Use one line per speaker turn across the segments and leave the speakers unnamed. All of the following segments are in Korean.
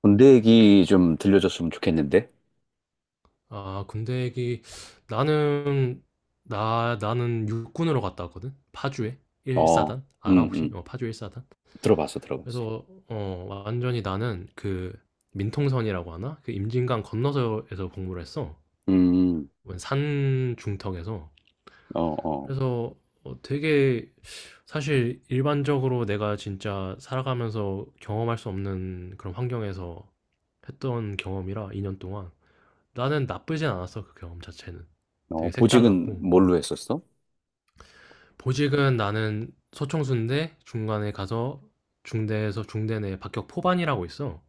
군대 얘기 좀 들려줬으면 좋겠는데?
아, 군대 얘기. 나는, 나는 육군으로 갔다 왔거든? 파주에?
어,
1사단? 알아,
음,
혹시?
음.
파주 1사단?
들어봤어, 들어봤어.
그래서, 완전히 나는 그, 민통선이라고 하나? 그 임진강 건너서에서 복무를 했어.
음,
산 중턱에서.
어, 어.
그래서 되게, 사실 일반적으로 내가 진짜 살아가면서 경험할 수 없는 그런 환경에서 했던 경험이라, 2년 동안. 나는 나쁘진 않았어, 그 경험 자체는.
어,
되게
보직은
색달랐고. 음.
뭘로 했었어?
보직은 나는 소총수인데 중간에 가서 중대에서 중대 내 박격 포반이라고 있어.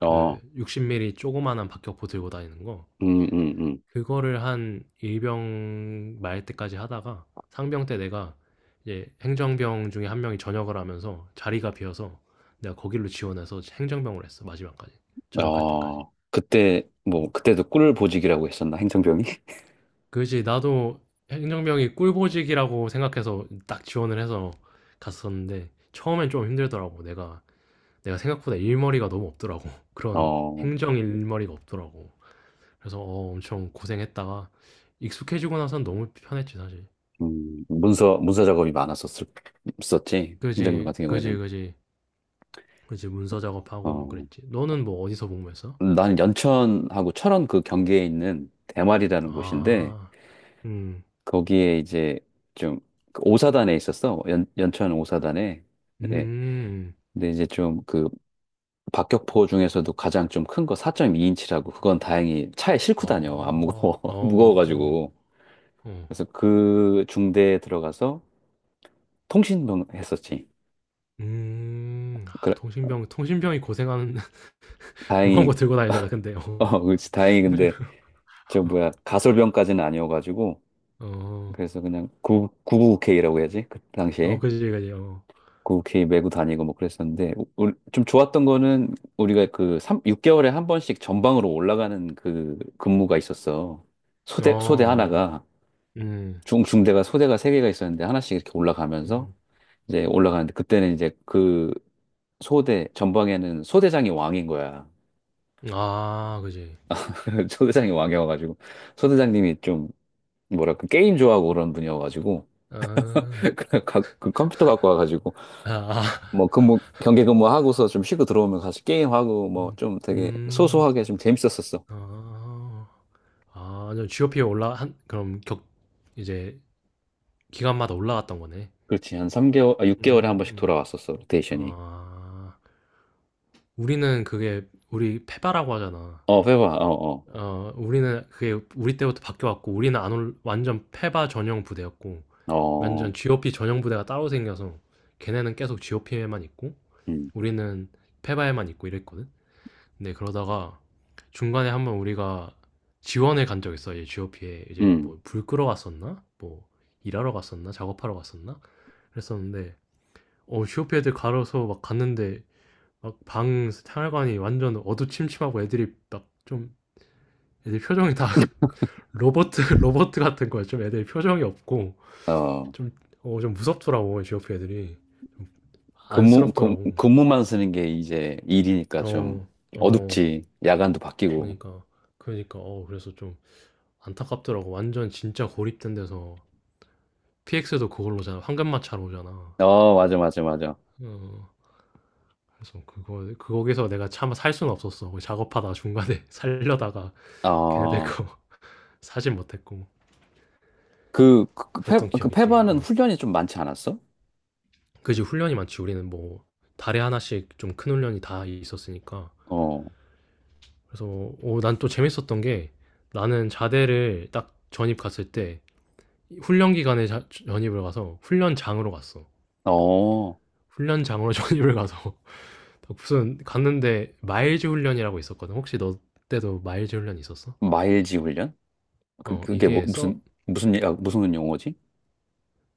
그 60mm 조그만한 박격포 들고 다니는 거.
음, 음,
그거를 한 일병 말 때까지 하다가 상병 때 내가 이제 행정병 중에 한 명이 전역을 하면서 자리가 비어서 내가 거길로 지원해서 행정병을 했어, 마지막까지. 전역할 때까지.
어, 그때,
음.
뭐, 그때도 꿀 보직이라고 했었나, 행정병이?
그지, 나도 행정병이 꿀보직이라고 생각해서 딱 지원을 해서 갔었는데 처음엔 좀 힘들더라고. 내가 생각보다 일머리가 너무 없더라고. 그런
어,
행정 일머리가 없더라고. 그래서 엄청 고생했다가 익숙해지고 나선 너무 편했지, 사실.
문서 작업이 많았었었지, 행정병
그지,
같은
그지,
경우에는.
그지, 그지, 문서 작업하고 뭐
어,
그랬지. 너는 뭐 어디서 복무했어?
나는 연천하고 철원 그 경계에 있는 대마리라는 곳인데,
아, 음,
거기에 이제 좀그 오사단에 있었어. 연천 오사단에. 네.
음,
근데 이제 좀 그 박격포 중에서도 가장 좀 큰 거 4.2인치라고, 그건 다행히 차에 싣고 다녀. 안
어,
무거워.
어, 어,
무거워가지고.
어.
그래서 그 중대에 들어가서 통신병 했었지.
음. 아,
그래,
통신병이 고생하는. 무거운 거
다행히.
들고 다니잖아, 근데. 어.
어, 그렇지. 다행히
통신
근데 저 뭐야 가설병까지는 아니어가지고.
어.
그래서 그냥 9 9 k 라고 해야지. 그
어,
당시에.
그지, 그지. 어.
렇게 메고 다니고 뭐 그랬었는데, 좀 좋았던 거는 우리가 그삼 6개월에 한 번씩 전방으로 올라가는 그 근무가 있었어. 소대
어어.
하나가,
음.
중 중대가 소대가 세 개가 있었는데 하나씩 이렇게 올라가면서
음.
이제 올라가는데, 그때는 이제 그 소대 전방에는 소대장이 왕인 거야.
아, 그지.
소대장이 왕이어가지고 소대장님이 좀 뭐랄까 게임 좋아하고 그런 분이어가지고
아.
그 컴퓨터 갖고 와가지고,
아. 아.
뭐 근무 경계 근무하고서 좀 쉬고 들어오면 다시 게임하고, 뭐
음.
좀 되게
음.
소소하게 좀 재밌었었어.
아. 아, 완전 GOP에 올라한 그럼 격 이제 기간마다 올라갔던 거네.
그렇지. 한 3개월, 아,
음.
6개월에 한 번씩
음.
돌아왔었어. 로테이션이.
아. 우리는 그게, 우리 페바라고 하잖아.
어, 회화. 어,
어, 우리는 그게 우리 때부터 바뀌어왔고, 우리는 안 올, 완전 페바 전용 부대였고,
어.
완전
어.
GOP 전용 부대가 따로 생겨서, 걔네는 계속 GOP에만 있고,
음.
우리는 페바에만 있고 이랬거든? 근데 그러다가 중간에 한번 우리가 지원을 간 적 있어. 이 GOP에 이제
음.
뭐 불 끄러 갔었나? 뭐 일하러 갔었나? 작업하러 갔었나? 그랬었는데, GOP 애들 가려서 막 갔는데, 막 방 생활관이 완전 어두침침하고 애들이 막 좀, 애들 표정이 다 로버트, 로버트 같은 거야. 좀 애들 표정이 없고,
어.
좀, 좀 무섭더라고. GOP 애들이 좀 안쓰럽더라고.
근무만 쓰는 게 이제 일이니까 좀
어, 어,
어둡지. 야간도 바뀌고.
그러니까 그러니까 그래서 좀 안타깝더라고. 완전 진짜 고립된 데서 PX도 그걸로잖아. 황금마차로 오잖아.
어, 맞아, 맞아, 맞아.
어, 그래서 그거에서 내가 차마 살 수는 없었어. 거기 작업하다 중간에 살려다가 걔네들
어.
거 사진 못했고.
그, 그, 페,
그랬던
그
기억 있지.
페바는
응.
훈련이 좀 많지 않았어?
그지, 훈련이 많지. 우리는 뭐 달에 하나씩 좀 큰 훈련이 다 있었으니까.
어.
그래서 난또 재밌었던 게, 나는 자대를 딱 전입 갔을 때 훈련 기간에 전입을 가서 훈련장으로 갔어.
어.
훈련장으로 전입을 가서 무슨, 갔는데 마일즈 훈련이라고 있었거든. 혹시 너 때도 마일즈 훈련 있었어?
마일지 훈련? 그, 그게 뭐,
이게 서
무슨 아, 무슨 용어지?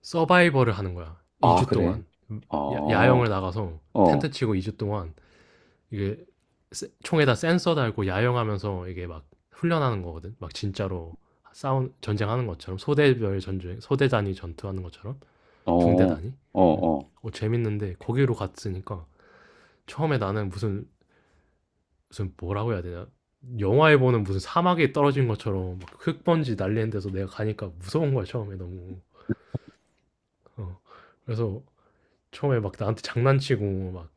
서바이벌을 하는 거야,
아,
2주
그래?
동안.
어,
야영을
어,
나가서 텐트
어,
치고 2주 동안 이게 총에다 센서 달고 야영하면서 이게 막 훈련하는 거거든. 막 진짜로 싸운 전쟁하는 것처럼, 소대별 전쟁, 소대 단위 전투하는 것처럼, 중대
어,
단위. 어,
어.
어, 재밌는데 거기로 갔으니까 처음에 나는 무슨 뭐라고 해야 되냐? 영화에 보는 무슨 사막에 떨어진 것처럼 막 흙먼지 날리는 데서 내가 가니까 무서운 거야 처음에 너무. 어, 그래서 처음에 막 나한테 장난치고 막,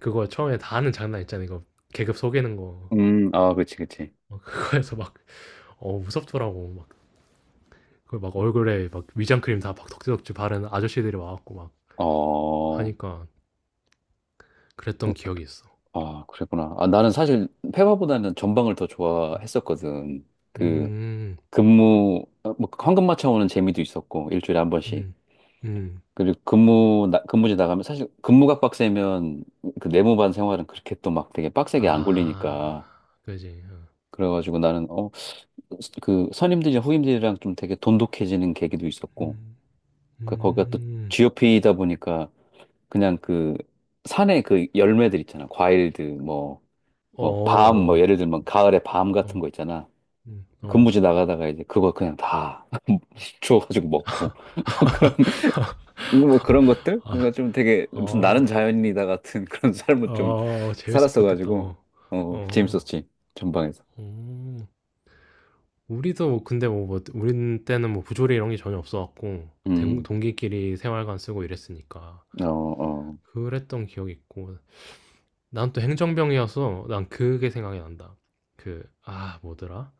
그거 처음에 다 하는 장난 있잖아, 이거 계급 속이는 거.
아, 그치, 그치.
막 그거에서 막 무섭더라고, 막 그막 얼굴에 막 위장크림 다 막 덕지덕지 바른 아저씨들이 와갖고 막
어.
하니까.
그-
그랬던 기억이 있어.
아, 그랬구나. 아, 나는 사실 페바보다는 전방을 더 좋아했었거든. 그,
음,
근무, 어, 뭐, 황금 맞춰오는 재미도 있었고, 일주일에 한 번씩.
음, 음,
그리고 근무지 나가면 사실 근무가 빡세면 그 내무반 생활은 그렇게 또 막 되게 빡세게 안
아,
굴리니까.
그지. 어.
그래가지고 나는, 어, 그 선임들이랑 후임들이랑 좀 되게 돈독해지는 계기도 있었고,
음,
그 거기가 또
음,
GOP이다 보니까 그냥 그 산에 그 열매들 있잖아. 과일들 뭐
어,
뭐 밤, 뭐
어,
예를 들면 가을에 밤 같은
어,
거 있잖아. 근무지
어,
나가다가 이제 그거 그냥 다 주워가지고 먹고 뭐 그런, 것들, 그러니까
아,
좀 되게 무슨
어,
나는 자연인이다 같은 그런 삶을 좀
어, 재밌었겠다.
살았어가지고.
어,
어
어,
재밌었지 전방에서.
어. 우리도 뭐 근데 뭐 우리 때는 뭐 부조리 이런 게 전혀 없어갖고 동기끼리 생활관 쓰고 이랬으니까.
음어어아
그랬던 기억이 있고. 난 또 행정병이어서 난 그게 생각이 난다. 그, 아, 뭐더라?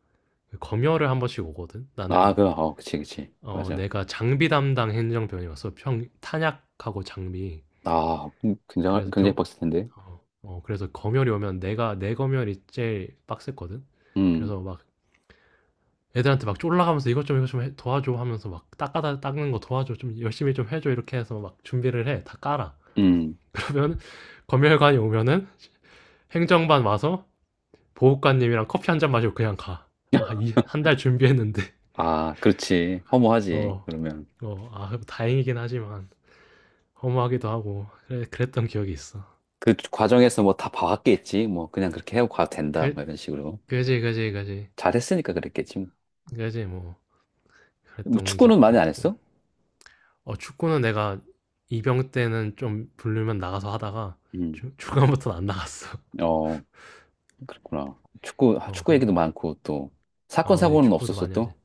그 검열을 한 번씩 오거든?
그치, 그치, 맞아.
내가 장비 담당 행정병이어서 탄약하고 장비.
아, 굉장히
그래서
굉장히
병,
빡셌 텐데.
어, 어, 그래서 검열이 오면 내 검열이 제일 빡셌거든?
음.
그래서 막 애들한테 막 쫄라가면서 이것 좀 이것 좀 도와줘 하면서 막 닦아다 닦는 거 도와줘 좀 열심히 좀 해줘, 이렇게 해서 막 준비를 해. 다 깔아.
음.
그러면 검열관이 오면은 행정반 와서 보호관님이랑 커피 한 잔 마시고 그냥 가. 아, 한 달 준비했는데.
아, 그렇지. 허무하지.
어,
그러면
어, 아, 다행이긴 하지만 허무하기도 하고. 그래, 그랬던 기억이 있어.
그 과정에서 뭐 다 봐왔겠지. 뭐 그냥 그렇게 해고 가도 된다 뭐
그,
이런 식으로
그지, 그지, 그지,
잘했으니까 그랬겠지. 뭐
그지, 뭐
뭐
그랬던
축구는
기억도
많이 안
있고.
했어?
축구는 내가 이병 때는 좀 부르면 나가서 하다가
음.
중간부터는 안 나갔어.
어, 그렇구나. 축구 아, 축구
그리고
얘기도 많고, 또 사건
아, 그지,
사고는
축구도
없었어
많이 하지.
또.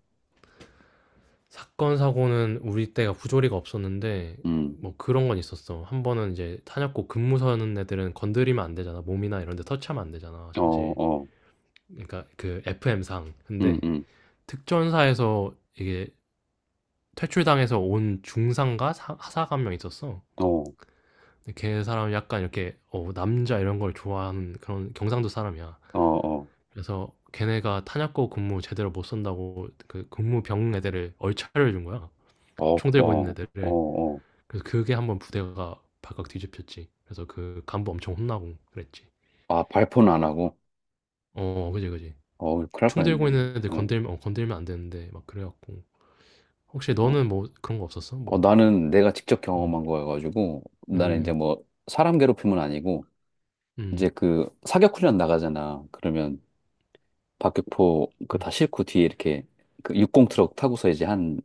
사건 사고는 우리 때가 부조리가 없었는데
음.
뭐 그런 건 있었어. 한 번은 이제 탄약고 근무 서는 애들은 건드리면 안 되잖아. 몸이나 이런 데 터치하면 안 되잖아,
어,
사실.
어.
그러니까 그 FM상.
음,
근데
음.
특전사에서 이게 퇴출당해서 온 중상과 사 하사가 한 명 있었어.
어,
근데 걔 사람이 약간 이렇게 남자 이런 걸 좋아하는 그런 경상도 사람이야.
어, 어.
그래서 걔네가 탄약고 근무 제대로 못 선다고 그 근무병 애들을 얼차려 준 거야.
어,
총 들고 있는
어, 어,
애들을.
어.
그래서 그게 한번 부대가 발칵 뒤집혔지. 그래서 그 간부 엄청 혼나고 그랬지.
아, 발포는 안 하고.
어, 그지, 그지.
어, 큰일 날
총 들고
뻔했네.
있는 애들
응.
건들면, 건들면 안 되는데, 막 그래갖고. 혹시
어,
너는 뭐 그런 거 없었어?
어,
뭐,
나는 내가 직접
음,
경험한 거여가지고 나는 이제
음,
뭐 사람 괴롭힘은 아니고.
음,
이제 그 사격 훈련 나가잖아. 그러면 박격포 그
음,
다 싣고 뒤에 이렇게 그 육공 트럭 타고서 이제 한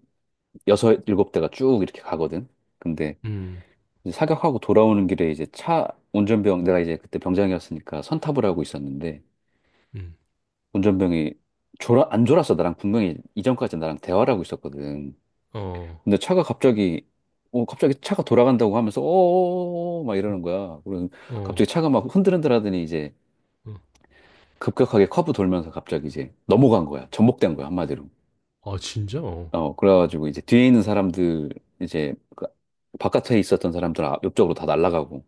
여섯 일곱 대가 쭉 이렇게 가거든. 근데
음,
이제 사격하고 돌아오는 길에 이제 차 운전병 내가 이제 그때 병장이었으니까 선탑을 하고 있었는데
음.
운전병이 졸아 안 졸았어. 나랑 분명히 이전까지 나랑 대화를 하고 있었거든.
어,
근데 차가 갑자기 갑자기 차가 돌아간다고 하면서 어어어막
어,
이러는 거야. 그래서
어,
갑자기 차가 막 흔들흔들 하더니 이제
어.
급격하게 커브 돌면서 갑자기 이제 넘어간 거야. 전복된 거야, 한마디로.
아, 진짜? 어.
어, 그래가지고 이제 뒤에 있는 사람들, 이제 그 바깥에 있었던 사람들 옆쪽으로 다 날아가고.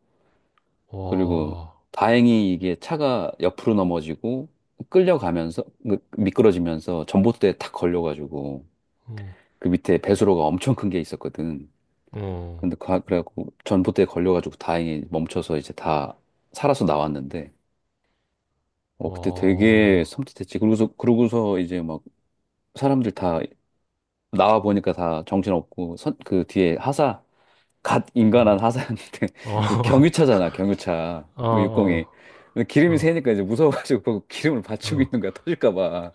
그리고
와,
다행히 이게 차가 옆으로 넘어지고 끌려가면서, 그 미끄러지면서 전봇대에 탁 걸려가지고,
어,
그 밑에 배수로가 엄청 큰 게 있었거든.
어,
근데 그래갖고 전봇대에 걸려가지고 다행히 멈춰서 이제 다 살아서 나왔는데, 어,
와,
그때 되게
어,
섬찟했지. 그러고서 이제 막 사람들 다 나와 보니까 다 정신없고, 그 뒤에 하사 갓
어,
인간한 하사였는데
어,
그 경유차잖아, 경유차
어,
그
어,
60이 기름이 새니까 이제 무서워가지고 그 기름을 받치고
어,
있는 거야, 터질까 봐.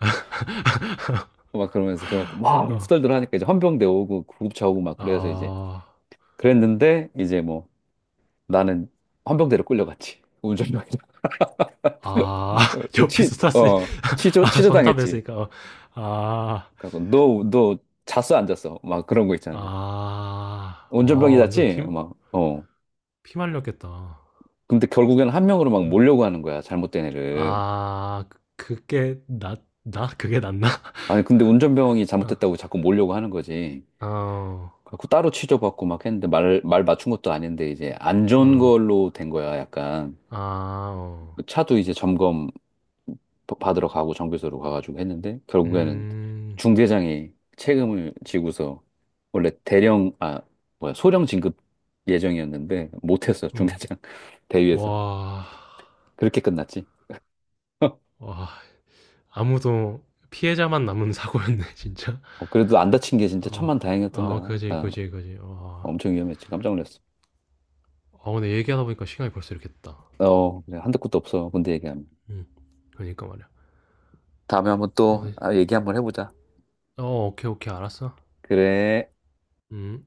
막 그러면서 그래갖고 막
어,
후덜덜 하니까 이제 헌병대 오고 구급차 오고 막 그래서 이제
아.
그랬는데, 이제 뭐 나는 헌병대로 끌려갔지, 운전병이라.
아, 옆에서 탔으니.
치어 치조
아,
치조 당했지.
전탑했으니까. 어. 아.
그래갖고 너너 잤어 안 잤어 막 그런 거 있잖아요.
아.
운전병이
어, 완전 피
잤지 막어.
피 말렸겠다. 어.
근데 결국엔 한 명으로 막 몰려고 하는 거야, 잘못된 애를.
아, 그 그게 낫 나? 그게 낫나?
아니, 근데 운전병이 잘못했다고 자꾸 몰려고 하는 거지.
어. 어.
그래갖고 따로 취조받고 막 했는데 말 맞춘 것도 아닌데 이제 안 좋은
어.
걸로 된 거야, 약간.
아, 어.
그 차도 이제 점검 받으러 가고 정비소로 가가지고 했는데, 결국에는
음.
중대장이 책임을 지고서 원래 대령, 아, 뭐야, 소령 진급 예정이었는데 못했어,
어.
중대장 대위에서.
와.
그렇게 끝났지.
와, 아무도, 피해자만 남은 사고였네. 진짜.
어, 그래도 안 다친 게 진짜
어.
천만다행이었던
아,
거야.
그지,
다
그지, 그지. 와.
엄청 위험했지. 깜짝 놀랐어.
아, 근데 얘기하다 보니까 시간이 벌써 이렇게 됐다.
어, 그래. 한도 끝도 없어, 군대 얘기하면.
음. 그니까 말이야.
다음에 한번
어,
또
네.
아, 얘기 한번 해보자.
어, 오케이, 오케이. 알았어.
그래.
음.